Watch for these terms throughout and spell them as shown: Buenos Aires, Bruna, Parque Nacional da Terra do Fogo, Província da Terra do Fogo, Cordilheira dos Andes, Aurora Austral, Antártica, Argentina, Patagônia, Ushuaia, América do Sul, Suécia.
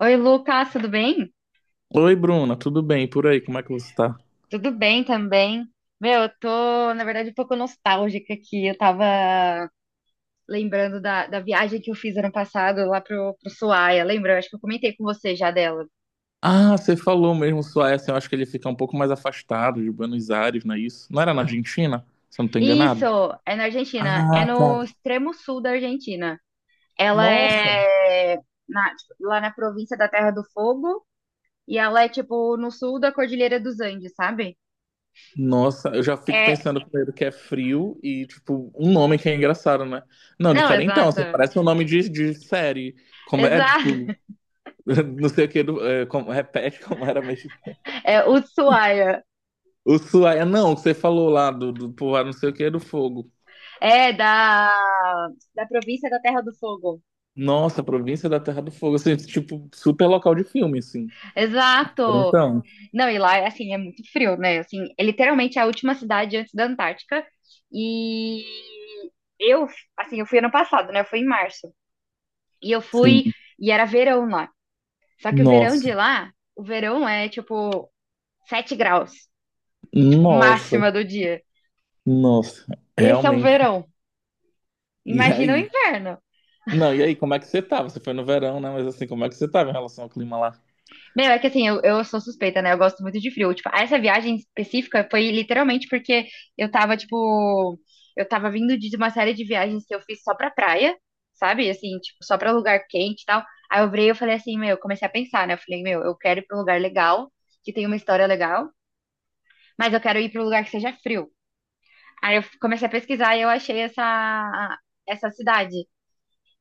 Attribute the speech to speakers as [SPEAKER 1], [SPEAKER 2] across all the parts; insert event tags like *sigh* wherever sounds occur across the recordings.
[SPEAKER 1] Oi, Lucas, tudo bem?
[SPEAKER 2] Oi, Bruna, tudo bem? E por aí, como é que você tá?
[SPEAKER 1] Tudo bem também. Meu, eu tô, na verdade, um pouco nostálgica aqui. Eu tava lembrando da viagem que eu fiz ano passado lá pro Ushuaia. Lembra? Eu acho que eu comentei com você já dela.
[SPEAKER 2] Ah, você falou mesmo, Suécia. Eu acho que ele fica um pouco mais afastado de Buenos Aires, não é isso? Não era na Argentina? Se eu não tô
[SPEAKER 1] Isso,
[SPEAKER 2] enganado.
[SPEAKER 1] é na Argentina. É
[SPEAKER 2] Ah, tá.
[SPEAKER 1] no extremo sul da Argentina. Ela
[SPEAKER 2] Nossa.
[SPEAKER 1] é tipo, lá na província da Terra do Fogo e ela é, tipo, no sul da Cordilheira dos Andes, sabe?
[SPEAKER 2] Nossa, eu já fico
[SPEAKER 1] É.
[SPEAKER 2] pensando primeiro que é frio e, tipo, um nome que é engraçado, né? Não,
[SPEAKER 1] Não,
[SPEAKER 2] diferentão, assim,
[SPEAKER 1] exato.
[SPEAKER 2] parece um nome de série. Como é, tipo,
[SPEAKER 1] Exato.
[SPEAKER 2] *laughs* não sei o que, do, é, como, repete como era mesmo.
[SPEAKER 1] *laughs* É Ushuaia.
[SPEAKER 2] O Suécia, não, o que você falou lá do povoado não sei o que é do fogo.
[SPEAKER 1] É, da província da Terra do Fogo.
[SPEAKER 2] Nossa, Província da Terra do Fogo, assim, tipo, super local de filme, assim.
[SPEAKER 1] Exato!
[SPEAKER 2] Então,
[SPEAKER 1] Não, e lá, assim, é muito frio, né? Assim, é literalmente a última cidade antes da Antártica. E eu, assim, eu fui ano passado, né? Eu fui em março. E eu
[SPEAKER 2] sim.
[SPEAKER 1] fui, e era verão lá. Só que
[SPEAKER 2] Nossa,
[SPEAKER 1] o verão é, tipo, 7 graus, tipo,
[SPEAKER 2] nossa,
[SPEAKER 1] máxima do dia.
[SPEAKER 2] nossa,
[SPEAKER 1] Esse é o
[SPEAKER 2] realmente.
[SPEAKER 1] verão.
[SPEAKER 2] E
[SPEAKER 1] Imagina o
[SPEAKER 2] aí?
[SPEAKER 1] inverno.
[SPEAKER 2] Não, e aí, como é que você tá? Você foi no verão, né? Mas assim, como é que você tava em relação ao clima lá?
[SPEAKER 1] Meu, é que assim, eu sou suspeita, né? Eu gosto muito de frio. Tipo, essa viagem específica foi literalmente porque tipo, eu tava vindo de uma série de viagens que eu fiz só pra praia, sabe? Assim, tipo, só pra lugar quente e tal. Aí eu virei e eu falei assim, meu, eu comecei a pensar, né? Eu falei, meu, eu quero ir pra um lugar legal, que tem uma história legal, mas eu quero ir pra um lugar que seja frio. Aí eu comecei a pesquisar e eu achei essa cidade.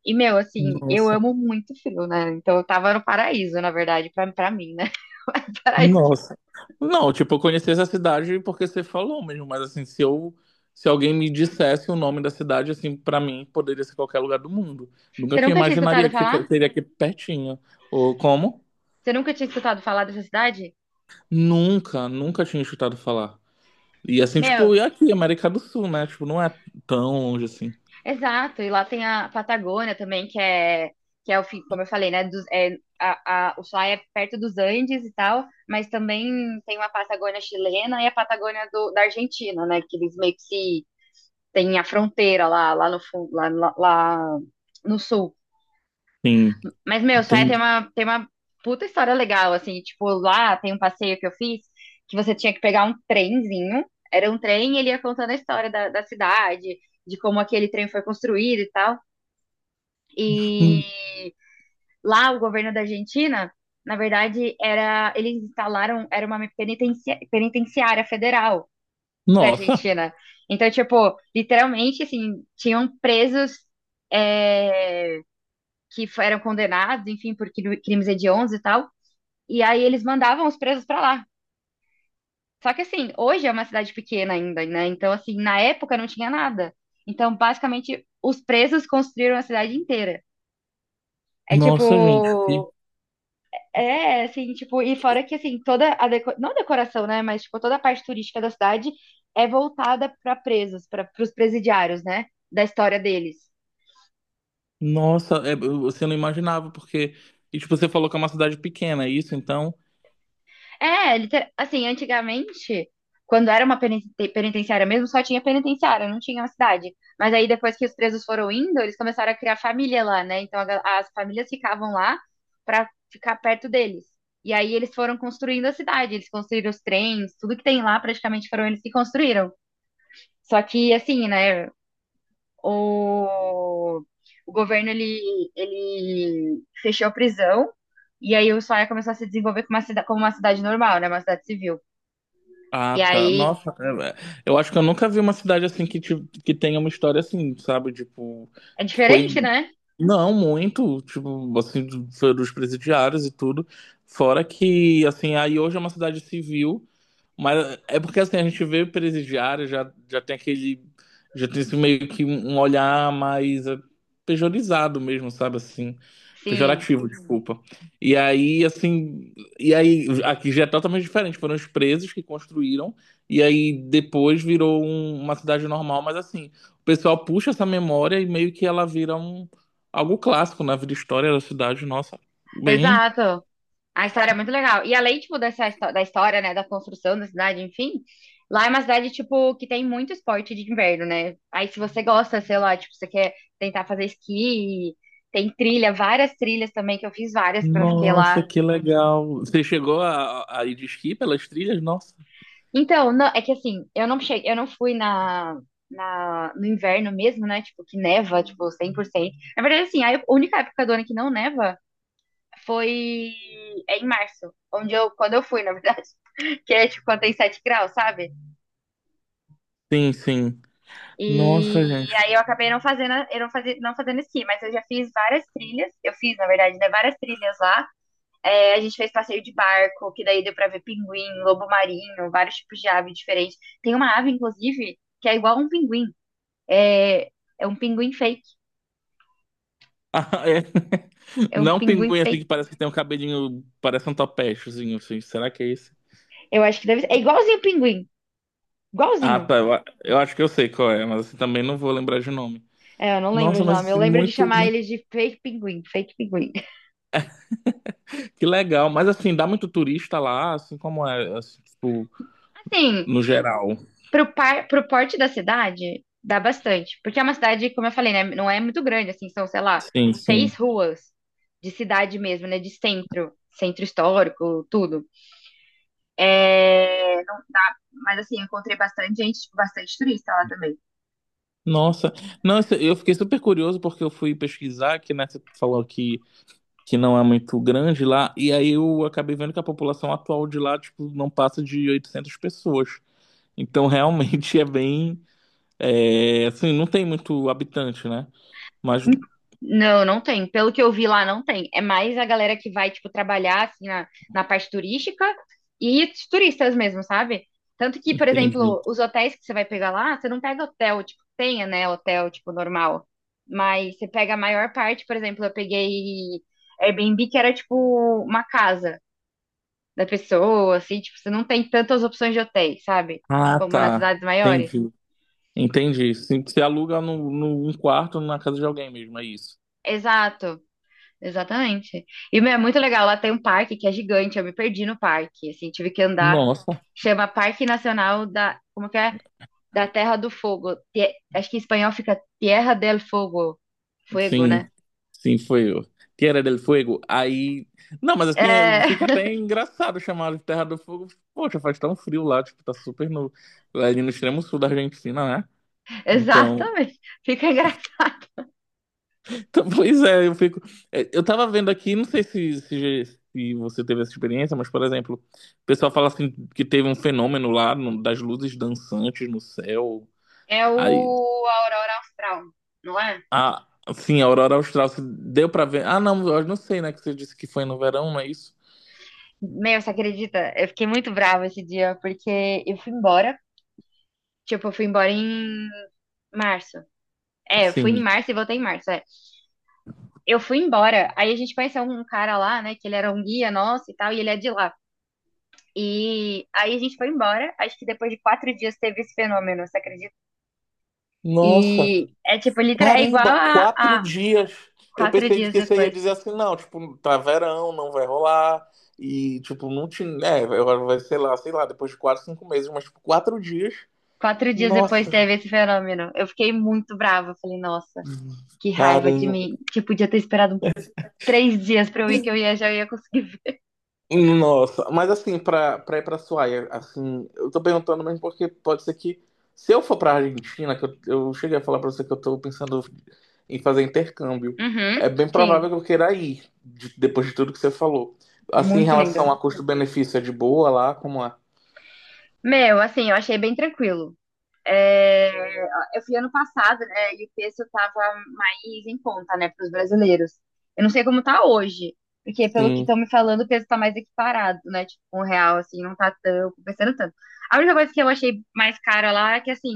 [SPEAKER 1] E, meu, assim, eu
[SPEAKER 2] Nossa,
[SPEAKER 1] amo muito frio, né? Então eu tava no paraíso, na verdade, pra mim, né? *laughs* Paraíso.
[SPEAKER 2] nossa. Não, tipo, eu conheci essa cidade porque você falou mesmo, mas assim, se alguém me dissesse o nome da cidade, assim, pra mim, poderia ser qualquer lugar do mundo.
[SPEAKER 1] Você
[SPEAKER 2] Nunca que eu
[SPEAKER 1] nunca tinha escutado
[SPEAKER 2] imaginaria que
[SPEAKER 1] falar?
[SPEAKER 2] seria aqui pertinho. Ou como?
[SPEAKER 1] Você nunca tinha escutado falar dessa cidade?
[SPEAKER 2] Nunca, nunca tinha escutado falar. E assim,
[SPEAKER 1] Meu,
[SPEAKER 2] tipo, e aqui, América do Sul, né? Tipo, não é tão longe assim.
[SPEAKER 1] exato. E lá tem a Patagônia também, que é o, fi- como eu falei, né? O lá é perto dos Andes e tal, mas também tem uma Patagônia chilena e a Patagônia da Argentina, né? Que eles meio que se tem a fronteira lá no fundo, lá no sul.
[SPEAKER 2] Sim,
[SPEAKER 1] Mas, meu, Ushuaia
[SPEAKER 2] entendi.
[SPEAKER 1] tem uma puta história legal, assim. Tipo, lá tem um passeio que eu fiz que você tinha que pegar um trenzinho. Era um trem e ele ia contando a história da cidade, de como aquele trem foi construído e tal. E lá o governo da Argentina, na verdade, eles instalaram, era uma penitenciária federal da
[SPEAKER 2] Nossa,
[SPEAKER 1] Argentina. Então, tipo, literalmente, assim, tinham presos, é, que eram condenados, enfim, por crimes hediondos e tal. E aí eles mandavam os presos pra lá. Só que assim, hoje é uma cidade pequena ainda, né? Então, assim, na época não tinha nada. Então, basicamente, os presos construíram a cidade inteira. É
[SPEAKER 2] nossa, gente.
[SPEAKER 1] tipo. É, assim, tipo, e fora que, assim, toda a, não, a decoração, né, mas, tipo, toda a parte turística da cidade é voltada para presos, para os presidiários, né, da história deles.
[SPEAKER 2] Nossa, é, você não imaginava, porque. E, tipo, você falou que é uma cidade pequena, é isso? Então.
[SPEAKER 1] É, assim, antigamente, quando era uma penitenciária mesmo, só tinha penitenciária, não tinha uma cidade. Mas aí depois que os presos foram indo, eles começaram a criar família lá, né? Então as famílias ficavam lá pra ficar perto deles. E aí eles foram construindo a cidade, eles construíram os trens, tudo que tem lá praticamente foram eles que construíram. Só que assim, né, o, o governo ele fechou a prisão. E aí o Ushuaia começou a se desenvolver como uma cidade normal, né? Uma cidade civil.
[SPEAKER 2] Ah,
[SPEAKER 1] E
[SPEAKER 2] tá.
[SPEAKER 1] aí
[SPEAKER 2] Nossa, eu acho que eu nunca vi uma cidade assim que tenha uma história assim, sabe? Tipo,
[SPEAKER 1] é
[SPEAKER 2] que
[SPEAKER 1] diferente,
[SPEAKER 2] foi.
[SPEAKER 1] né?
[SPEAKER 2] Não, muito, tipo, assim, foi dos presidiários e tudo. Fora que, assim, aí hoje é uma cidade civil. Mas é porque assim, a gente vê o presidiário, já tem aquele. Já tem esse meio que um olhar mais pejorizado mesmo, sabe? Assim.
[SPEAKER 1] Sim,
[SPEAKER 2] Pejorativo. Uhum. Desculpa. E aí, assim. E aí, aqui já é totalmente diferente. Foram os presos que construíram, e aí depois virou uma cidade normal, mas assim, o pessoal puxa essa memória e meio que ela vira algo clássico na vida e história da cidade, nossa. Bem
[SPEAKER 1] exato. A história é muito legal. E além, tipo, da história, né, da construção da cidade, enfim, lá é uma cidade, tipo, que tem muito esporte de inverno, né? Aí se você gosta, sei lá, tipo, você quer tentar fazer esqui, tem trilha, várias trilhas também, que eu fiz várias quando eu fiquei
[SPEAKER 2] Nossa,
[SPEAKER 1] lá.
[SPEAKER 2] que legal. Você chegou a ir de esqui pelas trilhas? Nossa.
[SPEAKER 1] Então, não, é que assim, eu não cheguei, eu não fui no inverno mesmo, né? Tipo, que neva, tipo, 100%. Na verdade, assim, a única época do ano que não neva foi, em março, onde eu, quando eu fui, na verdade, *laughs* que é tipo quando tem 7 graus, sabe?
[SPEAKER 2] Sim, sim. Nossa,
[SPEAKER 1] E
[SPEAKER 2] gente.
[SPEAKER 1] aí eu
[SPEAKER 2] *laughs*
[SPEAKER 1] acabei não fazendo, eu não fazia, não fazendo esqui, mas eu já fiz várias trilhas, eu fiz, na verdade, né, várias trilhas lá. É, a gente fez passeio de barco, que daí deu pra ver pinguim, lobo marinho, vários tipos de ave diferentes. Tem uma ave, inclusive, que é igual a um pinguim. É, é um pinguim fake.
[SPEAKER 2] Ah, é.
[SPEAKER 1] É um
[SPEAKER 2] Não
[SPEAKER 1] pinguim
[SPEAKER 2] pinguim assim
[SPEAKER 1] fake.
[SPEAKER 2] que parece que tem um cabelinho, parece um topechozinho, assim. Será que é esse?
[SPEAKER 1] Eu acho que deve ser. É igualzinho o pinguim.
[SPEAKER 2] Ah,
[SPEAKER 1] Igualzinho.
[SPEAKER 2] tá. Eu acho que eu sei qual é, mas assim, também não vou lembrar de nome.
[SPEAKER 1] É, eu não lembro
[SPEAKER 2] Nossa,
[SPEAKER 1] de
[SPEAKER 2] mas
[SPEAKER 1] nome. Eu
[SPEAKER 2] assim,
[SPEAKER 1] lembro de
[SPEAKER 2] muito,
[SPEAKER 1] chamar
[SPEAKER 2] muito.
[SPEAKER 1] ele de fake pinguim. Fake pinguim.
[SPEAKER 2] Que legal. Mas assim, dá muito turista lá, assim como é, assim, tipo,
[SPEAKER 1] Assim,
[SPEAKER 2] no geral.
[SPEAKER 1] pro porte da cidade, dá bastante. Porque é uma cidade, como eu falei, né? Não é muito grande, assim, são, sei lá,
[SPEAKER 2] Sim, sim.
[SPEAKER 1] seis ruas de cidade mesmo, né? De centro, centro histórico, tudo. É. Mas assim, eu encontrei bastante gente, tipo, bastante turista lá também.
[SPEAKER 2] Nossa, não, eu fiquei super curioso porque eu fui pesquisar que, né, você falou que não é muito grande lá, e aí eu acabei vendo que a população atual de lá, tipo, não passa de 800 pessoas. Então, *laughs* realmente é bem, é, assim, não tem muito habitante, né? Mas,
[SPEAKER 1] Hum. Não, não tem. Pelo que eu vi lá, não tem. É mais a galera que vai, tipo, trabalhar, assim, na parte turística e os turistas mesmo, sabe? Tanto que, por
[SPEAKER 2] entendi.
[SPEAKER 1] exemplo, os hotéis que você vai pegar lá, você não pega hotel, tipo, tenha, né, hotel, tipo, normal. Mas você pega a maior parte, por exemplo, eu peguei Airbnb, que era, tipo, uma casa da pessoa, assim, tipo, você não tem tantas opções de hotéis, sabe?
[SPEAKER 2] Ah,
[SPEAKER 1] Como nas
[SPEAKER 2] tá.
[SPEAKER 1] cidades maiores.
[SPEAKER 2] Entendi. Entendi. Sim, você aluga num no, no- um quarto na casa de alguém mesmo, é isso.
[SPEAKER 1] Exato. Exatamente. E, meu, é muito legal. Lá tem um parque que é gigante. Eu me perdi no parque. Assim, tive que andar.
[SPEAKER 2] Nossa.
[SPEAKER 1] Chama Parque Nacional da. Como que é? Da Terra do Fogo. Acho que em espanhol fica Tierra del Fogo. Fuego, né?
[SPEAKER 2] Sim, sim, foi o Tierra del Fuego. Aí. Não, mas assim,
[SPEAKER 1] É,
[SPEAKER 2] fica até engraçado chamar de Terra do Fogo. Poxa, faz tão frio lá, tipo, tá super no. Ali no extremo sul da Argentina, né?
[SPEAKER 1] *laughs*
[SPEAKER 2] Então.
[SPEAKER 1] exatamente. Fica engraçado.
[SPEAKER 2] *laughs* então pois é, eu fico. Eu tava vendo aqui, não sei se, se você teve essa experiência, mas, por exemplo, o pessoal fala assim que teve um fenômeno lá das luzes dançantes no céu.
[SPEAKER 1] É o
[SPEAKER 2] Aí.
[SPEAKER 1] Aurora Austral, não é?
[SPEAKER 2] Assim, a aurora austral, se deu pra ver. Ah, não, eu não sei, né? Que você disse que foi no verão, não é isso?
[SPEAKER 1] Meu, você acredita? Eu fiquei muito brava esse dia, porque eu fui embora. Tipo, eu fui embora em março. É, eu fui em
[SPEAKER 2] Sim.
[SPEAKER 1] março e voltei em março. É. Eu fui embora. Aí a gente conheceu um cara lá, né? Que ele era um guia nosso e tal, e ele é de lá. E aí a gente foi embora. Acho que depois de 4 dias teve esse fenômeno, você acredita?
[SPEAKER 2] Nossa,
[SPEAKER 1] E é tipo, literal, é igual
[SPEAKER 2] caramba,
[SPEAKER 1] a,
[SPEAKER 2] quatro
[SPEAKER 1] a
[SPEAKER 2] dias. Eu
[SPEAKER 1] quatro
[SPEAKER 2] pensei
[SPEAKER 1] dias
[SPEAKER 2] que você ia
[SPEAKER 1] depois.
[SPEAKER 2] dizer assim, não, tipo, tá verão, não vai rolar. E, tipo, não te, né, agora vai, sei lá, depois de 4, 5 meses, mas, tipo, 4 dias.
[SPEAKER 1] 4 dias depois
[SPEAKER 2] Nossa,
[SPEAKER 1] teve esse fenômeno. Eu fiquei muito brava. Eu falei, nossa, que raiva de
[SPEAKER 2] caramba.
[SPEAKER 1] mim. Que eu podia ter esperado 3 dias pra eu ir, que eu ia, já ia conseguir ver.
[SPEAKER 2] Nossa, mas assim, pra ir pra Suaia, assim, eu tô perguntando mesmo porque pode ser que, se eu for pra Argentina, que eu cheguei a falar pra você que eu tô pensando em fazer intercâmbio,
[SPEAKER 1] Uhum,
[SPEAKER 2] é bem
[SPEAKER 1] sim,
[SPEAKER 2] provável que eu queira ir, depois de tudo que você falou. Assim, em
[SPEAKER 1] muito linda.
[SPEAKER 2] relação a custo-benefício, é de boa lá? Como é?
[SPEAKER 1] Meu, assim, eu achei bem tranquilo. É, eu fui ano passado, né? E o preço estava mais em conta, né, para os brasileiros. Eu não sei como tá hoje, porque pelo que
[SPEAKER 2] Sim.
[SPEAKER 1] estão me falando, o peso tá mais equiparado, né? Tipo, um real, assim, não tá tão compensando tanto. A única coisa que eu achei mais cara lá é que, assim,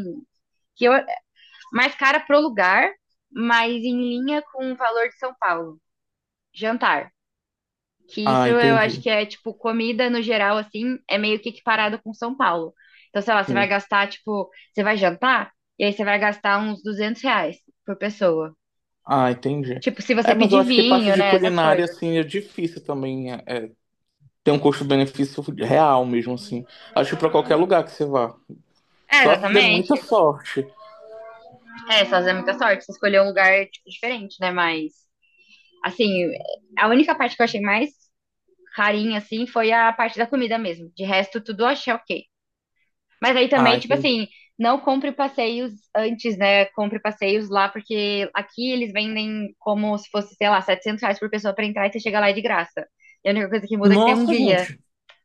[SPEAKER 1] que eu, mais cara pro lugar, mas em linha com o valor de São Paulo. Jantar. Que
[SPEAKER 2] Ah,
[SPEAKER 1] isso eu acho
[SPEAKER 2] entendi.
[SPEAKER 1] que é, tipo, comida no geral, assim, é meio que equiparado com São Paulo. Então, sei lá, você vai
[SPEAKER 2] Sim.
[SPEAKER 1] gastar, tipo, você vai jantar, e aí você vai gastar uns R$ 200 por pessoa.
[SPEAKER 2] Ah, entendi.
[SPEAKER 1] Tipo, se você
[SPEAKER 2] É, mas eu
[SPEAKER 1] pedir
[SPEAKER 2] acho que parte
[SPEAKER 1] vinho,
[SPEAKER 2] de
[SPEAKER 1] né, essas
[SPEAKER 2] culinária,
[SPEAKER 1] coisas.
[SPEAKER 2] assim, é difícil também, ter um custo-benefício real mesmo, assim. Acho que pra qualquer lugar que você vá.
[SPEAKER 1] É,
[SPEAKER 2] Só se der muita
[SPEAKER 1] exatamente.
[SPEAKER 2] sorte.
[SPEAKER 1] É, só é muita sorte, você escolheu um lugar, tipo, diferente, né, mas, assim, a única parte que eu achei mais carinha, assim, foi a parte da comida mesmo. De resto, tudo eu achei ok. Mas aí também,
[SPEAKER 2] Ai,
[SPEAKER 1] tipo assim, não compre passeios antes, né? Compre passeios lá, porque aqui eles vendem como se fosse, sei lá, R$ 700 por pessoa pra entrar e você chega lá é de graça. E a única coisa que muda é que tem um
[SPEAKER 2] nossa,
[SPEAKER 1] guia.
[SPEAKER 2] gente.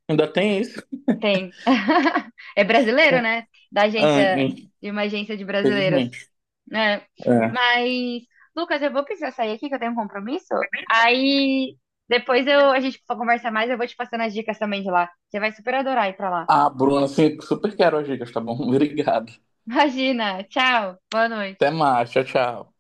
[SPEAKER 2] Ainda tem isso.
[SPEAKER 1] Tem. *laughs* É brasileiro,
[SPEAKER 2] É.
[SPEAKER 1] né? Da
[SPEAKER 2] Ah,
[SPEAKER 1] agência, de uma agência de brasileiros,
[SPEAKER 2] infelizmente.
[SPEAKER 1] né?
[SPEAKER 2] É.
[SPEAKER 1] Mas, Lucas, eu vou precisar sair aqui que eu tenho um compromisso. Aí depois a gente conversa mais, eu vou te passando as dicas também de lá. Você vai super adorar ir pra lá.
[SPEAKER 2] Ah, Bruna, assim, super quero as dicas, tá bom? *laughs* Obrigado.
[SPEAKER 1] *laughs* Imagina. Tchau. Boa noite.
[SPEAKER 2] Até mais. Tchau, tchau.